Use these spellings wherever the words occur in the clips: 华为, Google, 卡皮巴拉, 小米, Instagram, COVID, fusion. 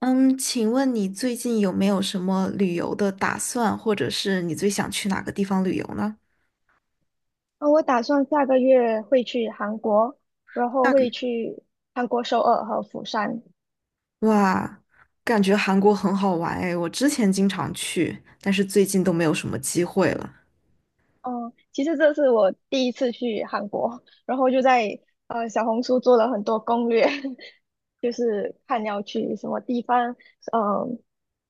嗯，请问你最近有没有什么旅游的打算，或者是你最想去哪个地方旅游呢？我打算下个月会去韩国，然后下个会月。去韩国首尔和釜山。哇，感觉韩国很好玩哎，我之前经常去，但是最近都没有什么机会了。嗯，其实这是我第一次去韩国，然后就在小红书做了很多攻略，就是看要去什么地方。嗯，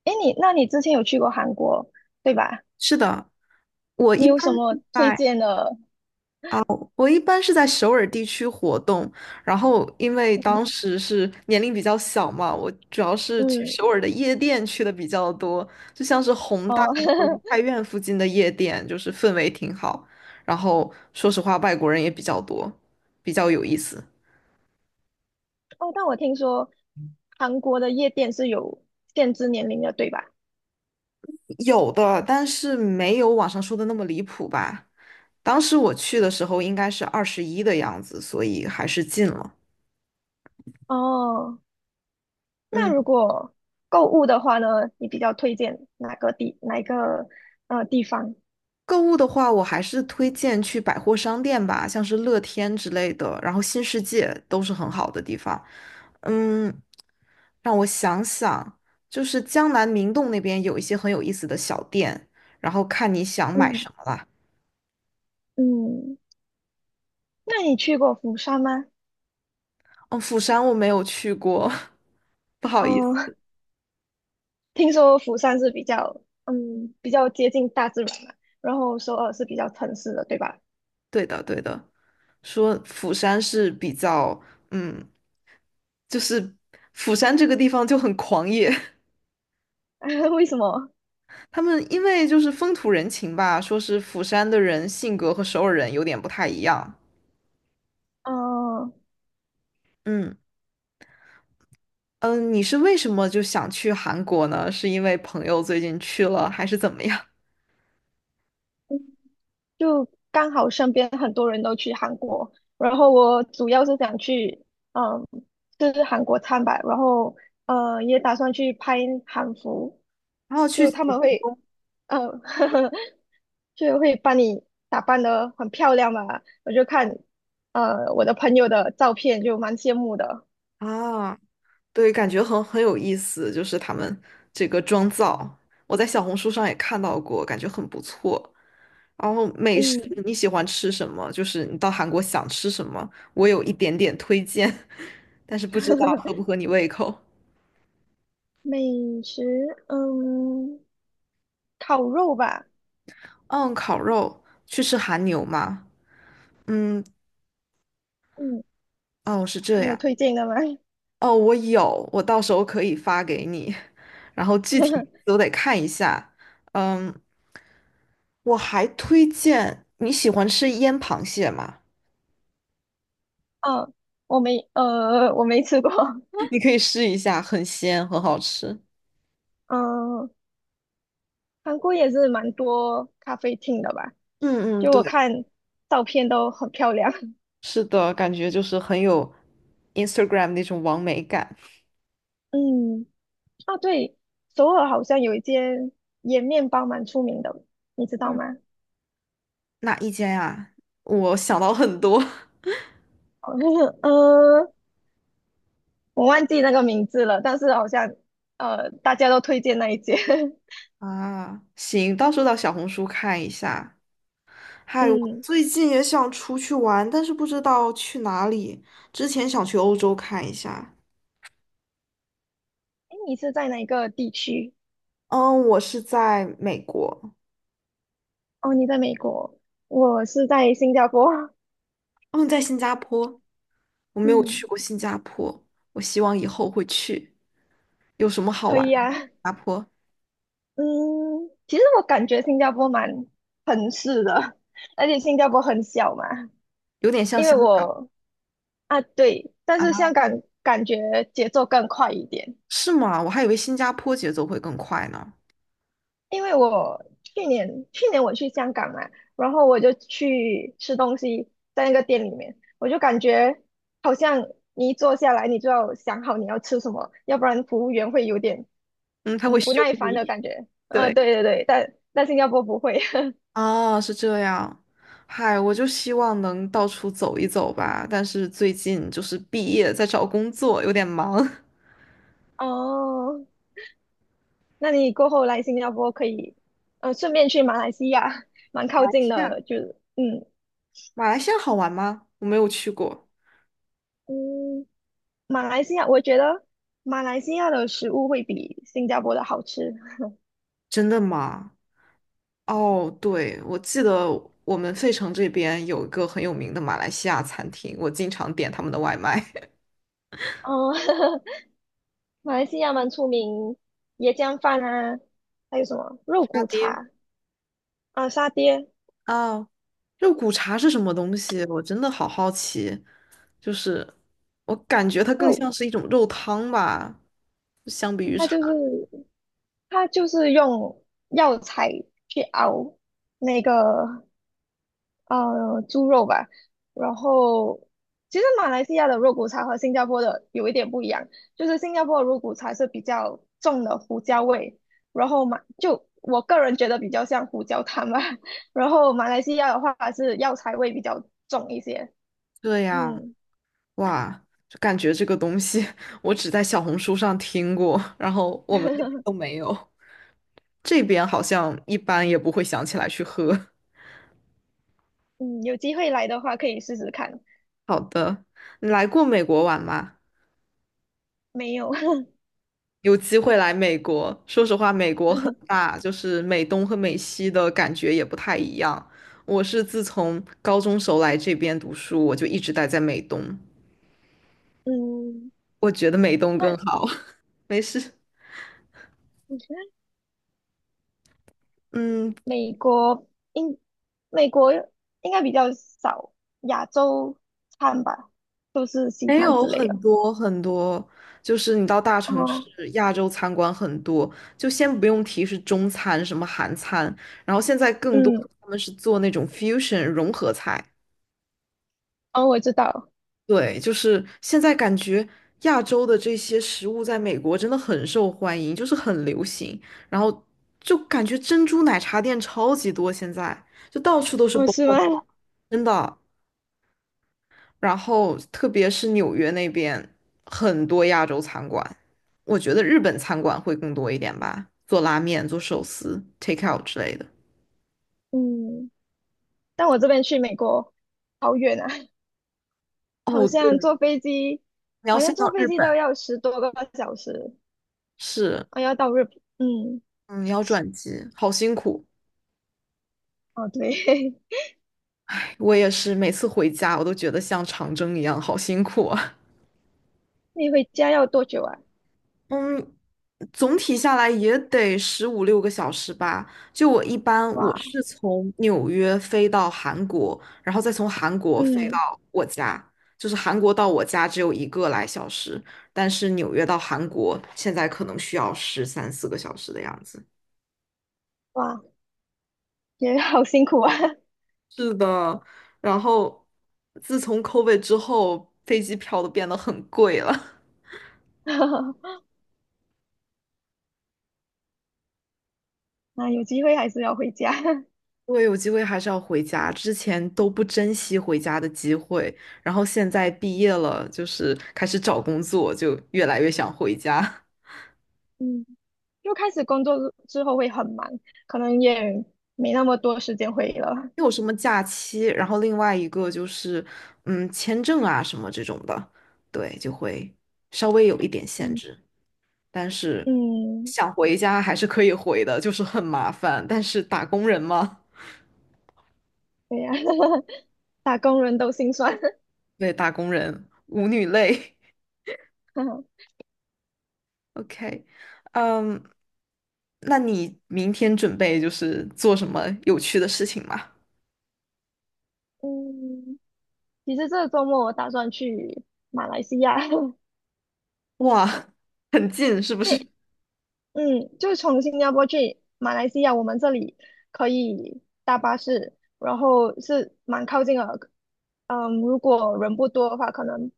诶，那你之前有去过韩国，对吧？是的，我你一有什般么是推在荐的？我一般是在首尔地区活动，然后因为当嗯时是年龄比较小嘛，我主要是去首嗯尔的夜店去的比较多，就像是宏大哦 和梨泰 院附近的夜店，就是氛围挺好。然后说实话，外国人也比较多，比较有意思。哦，但我听说韩国的夜店是有限制年龄的，对吧？有的，但是没有网上说的那么离谱吧。当时我去的时候应该是21的样子，所以还是进了。哦，那如嗯。果购物的话呢，你比较推荐哪一个地方？购物的话，我还是推荐去百货商店吧，像是乐天之类的，然后新世界都是很好的地方。嗯，让我想想，就是江南明洞那边有一些很有意思的小店，然后看你想买嗯什么啦。嗯，那你去过釜山吗？哦，釜山我没有去过，不好意思。嗯、听说釜山是比较比较接近大自然嘛，然后首尔是比较城市的，对吧？对的，对的，说釜山是比较，嗯，就是釜山这个地方就很狂野。为什么？他们因为就是风土人情吧，说是釜山的人性格和首尔人有点不太一样。嗯、嗯嗯，你是为什么就想去韩国呢？是因为朋友最近去了，还是怎么样？就刚好身边很多人都去韩国，然后我主要是想去嗯吃韩国餐吧，然后也打算去拍韩服，然后去就景他们福会。宫嗯，就会把你打扮得很漂亮嘛。我就看，我的朋友的照片就蛮羡慕的。啊，对，感觉很有意思，就是他们这个妆造，我在小红书上也看到过，感觉很不错。然后美食嗯，你喜欢吃什么？就是你到韩国想吃什么，我有一点点推荐，但是不知道合不 合你胃口。美食，嗯，烤肉吧。嗯，烤肉去吃韩牛吗？嗯，嗯，哦，是这你有样。推荐的吗？哦，我有，我到时候可以发给你。然后具体都得看一下。嗯，我还推荐你喜欢吃腌螃蟹吗？嗯，我没，呃，我没吃过。你可以试一下，很鲜，很好吃。嗯，韩国也是蛮多咖啡厅的吧？嗯嗯，就我对，看照片都很漂亮。是的，感觉就是很有 Instagram 那种完美感。嗯。啊，对，首尔好像有一间盐面包蛮出名的，你知道嗯，吗？哪一间啊？我想到很多 好像是 呃，我忘记那个名字了，但是好像大家都推荐那一间。啊，行，到时候到小红书看一下。嗨，我嗯，最近也想出去玩，但是不知道去哪里。之前想去欧洲看一下，哎，你是在哪个地区？嗯，我是在美国，哦，你在美国，我是在新加坡。嗯，在新加坡，我没有去嗯，过新加坡，我希望以后会去。有什么好可玩的以吗新啊。加坡嗯，其实我感觉新加坡蛮城市的，而且新加坡很小嘛，有点像因为香港我啊，对，但啊？是香港感觉节奏更快一点。是吗？我还以为新加坡节奏会更快呢。因为我去年我去香港嘛，然后我就去吃东西，在那个店里面，我就感觉好像你一坐下来，你就要想好你要吃什么，要不然服务员会有点嗯，他会不凶耐烦的你。感觉。对，对对对，但新加坡不会。啊，是这样。嗨，我就希望能到处走一走吧，但是最近就是毕业，在找工作，有点忙。哦，那你过后来新加坡可以，顺便去马来西亚，蛮靠近亚，的，就是马来西亚好玩吗？我没有去过。嗯，马来西亚我觉得马来西亚的食物会比新加坡的好吃。真的吗？哦，对，我记得我们费城这边有一个很有名的马来西亚餐厅，我经常点他们的外卖。哦，马来西亚蛮出名椰浆饭啊，还有什么肉沙骨爹。茶啊、沙爹啊，肉骨茶是什么东西？我真的好好奇。就是我感觉它更肉，像是一种肉汤吧，相比于它茶。就是它就是用药材去熬那个猪肉吧。然后，其实马来西亚的肉骨茶和新加坡的有一点不一样，就是新加坡的肉骨茶是比较重的胡椒味，然后就我个人觉得比较像胡椒汤吧。然后马来西亚的话是药材味比较重一些。对呀，嗯哇，就感觉这个东西 我只在小红书上听过，然后我们那边都没有。这边好像一般也不会想起来去喝。嗯，有机会来的话可以试试看。好的，你来过美国玩吗？没有，有机会来美国，说实话，美国很大，就是美东和美西的感觉也不太一样。我是自从高中时候来这边读书，我就一直待在美东，嗯，我觉得美东更那。好。没事，嗯嗯，美国应美国应该比较少亚洲餐吧，都是西没餐之有类的。很多很多，就是你到大城市，哦，亚洲餐馆很多，就先不用提是中餐什么韩餐，然后现在更多嗯，他们是做那种 fusion 融合菜。哦，我知道，对，就是现在感觉亚洲的这些食物在美国真的很受欢迎，就是很流行，然后就感觉珍珠奶茶店超级多，现在就到处都是 哦，b 是 o 吗？真的。然后特别是纽约那边很多亚洲餐馆，我觉得日本餐馆会更多一点吧，做拉面、做寿司、take out 之类的。嗯，但我这边去美国好远啊，好哦，像对，坐飞机，你要好先像坐到飞日机都本，要10多个小时，是，啊，要到日本，嗯，嗯，你要转机，好辛苦。哦，对，我也是，每次回家我都觉得像长征一样，好辛苦啊。你回家要多久啊？嗯，总体下来也得15、16个小时吧。就我一般，我哇，是从纽约飞到韩国，然后再从韩国飞嗯，到我家。就是韩国到我家只有一个来小时，但是纽约到韩国现在可能需要13、14个小时的样子。哇，也好辛苦啊，是的，然后自从 COVID 之后，飞机票都变得很贵了。那有机会还是要回家，对，有机会还是要回家，之前都不珍惜回家的机会，然后现在毕业了，就是开始找工作，就越来越想回家。嗯。又开始工作之后会很忙，可能也没那么多时间回忆了。没有什么假期，然后另外一个就是，嗯，签证啊什么这种的，对，就会稍微有一点限嗯制，但是嗯，想回家还是可以回的，就是很麻烦，但是打工人嘛，对呀、打工人都心酸。对，打工人，舞女泪。OK，嗯。那你明天准备就是做什么有趣的事情吗？嗯，其实这个周末我打算去马来西亚，哇，很近是不是？诶，嗯，就从新加坡去马来西亚，我们这里可以搭巴士，然后是蛮靠近的。嗯，如果人不多的话，可能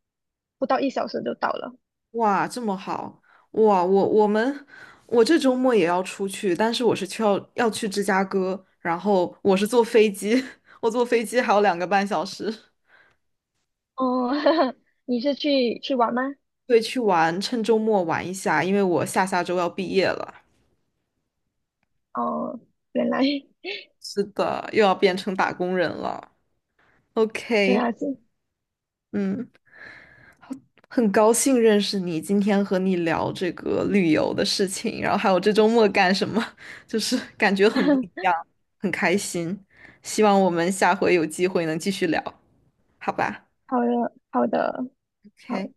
不到1小时就到了。哇，这么好！哇，我这周末也要出去，但是我是去要去芝加哥，然后我是坐飞机，我坐飞机还有2个半小时。哦，你是去玩吗？对，去玩，趁周末玩一下，因为我下下周要毕业了。哦，原来是的，又要变成打工人了。对 OK，啊，是 嗯，好很高兴认识你，今天和你聊这个旅游的事情，然后还有这周末干什么，就是感觉很不一 样，很开心。希望我们下回有机会能继续聊，好吧好的，好的，好。？OK，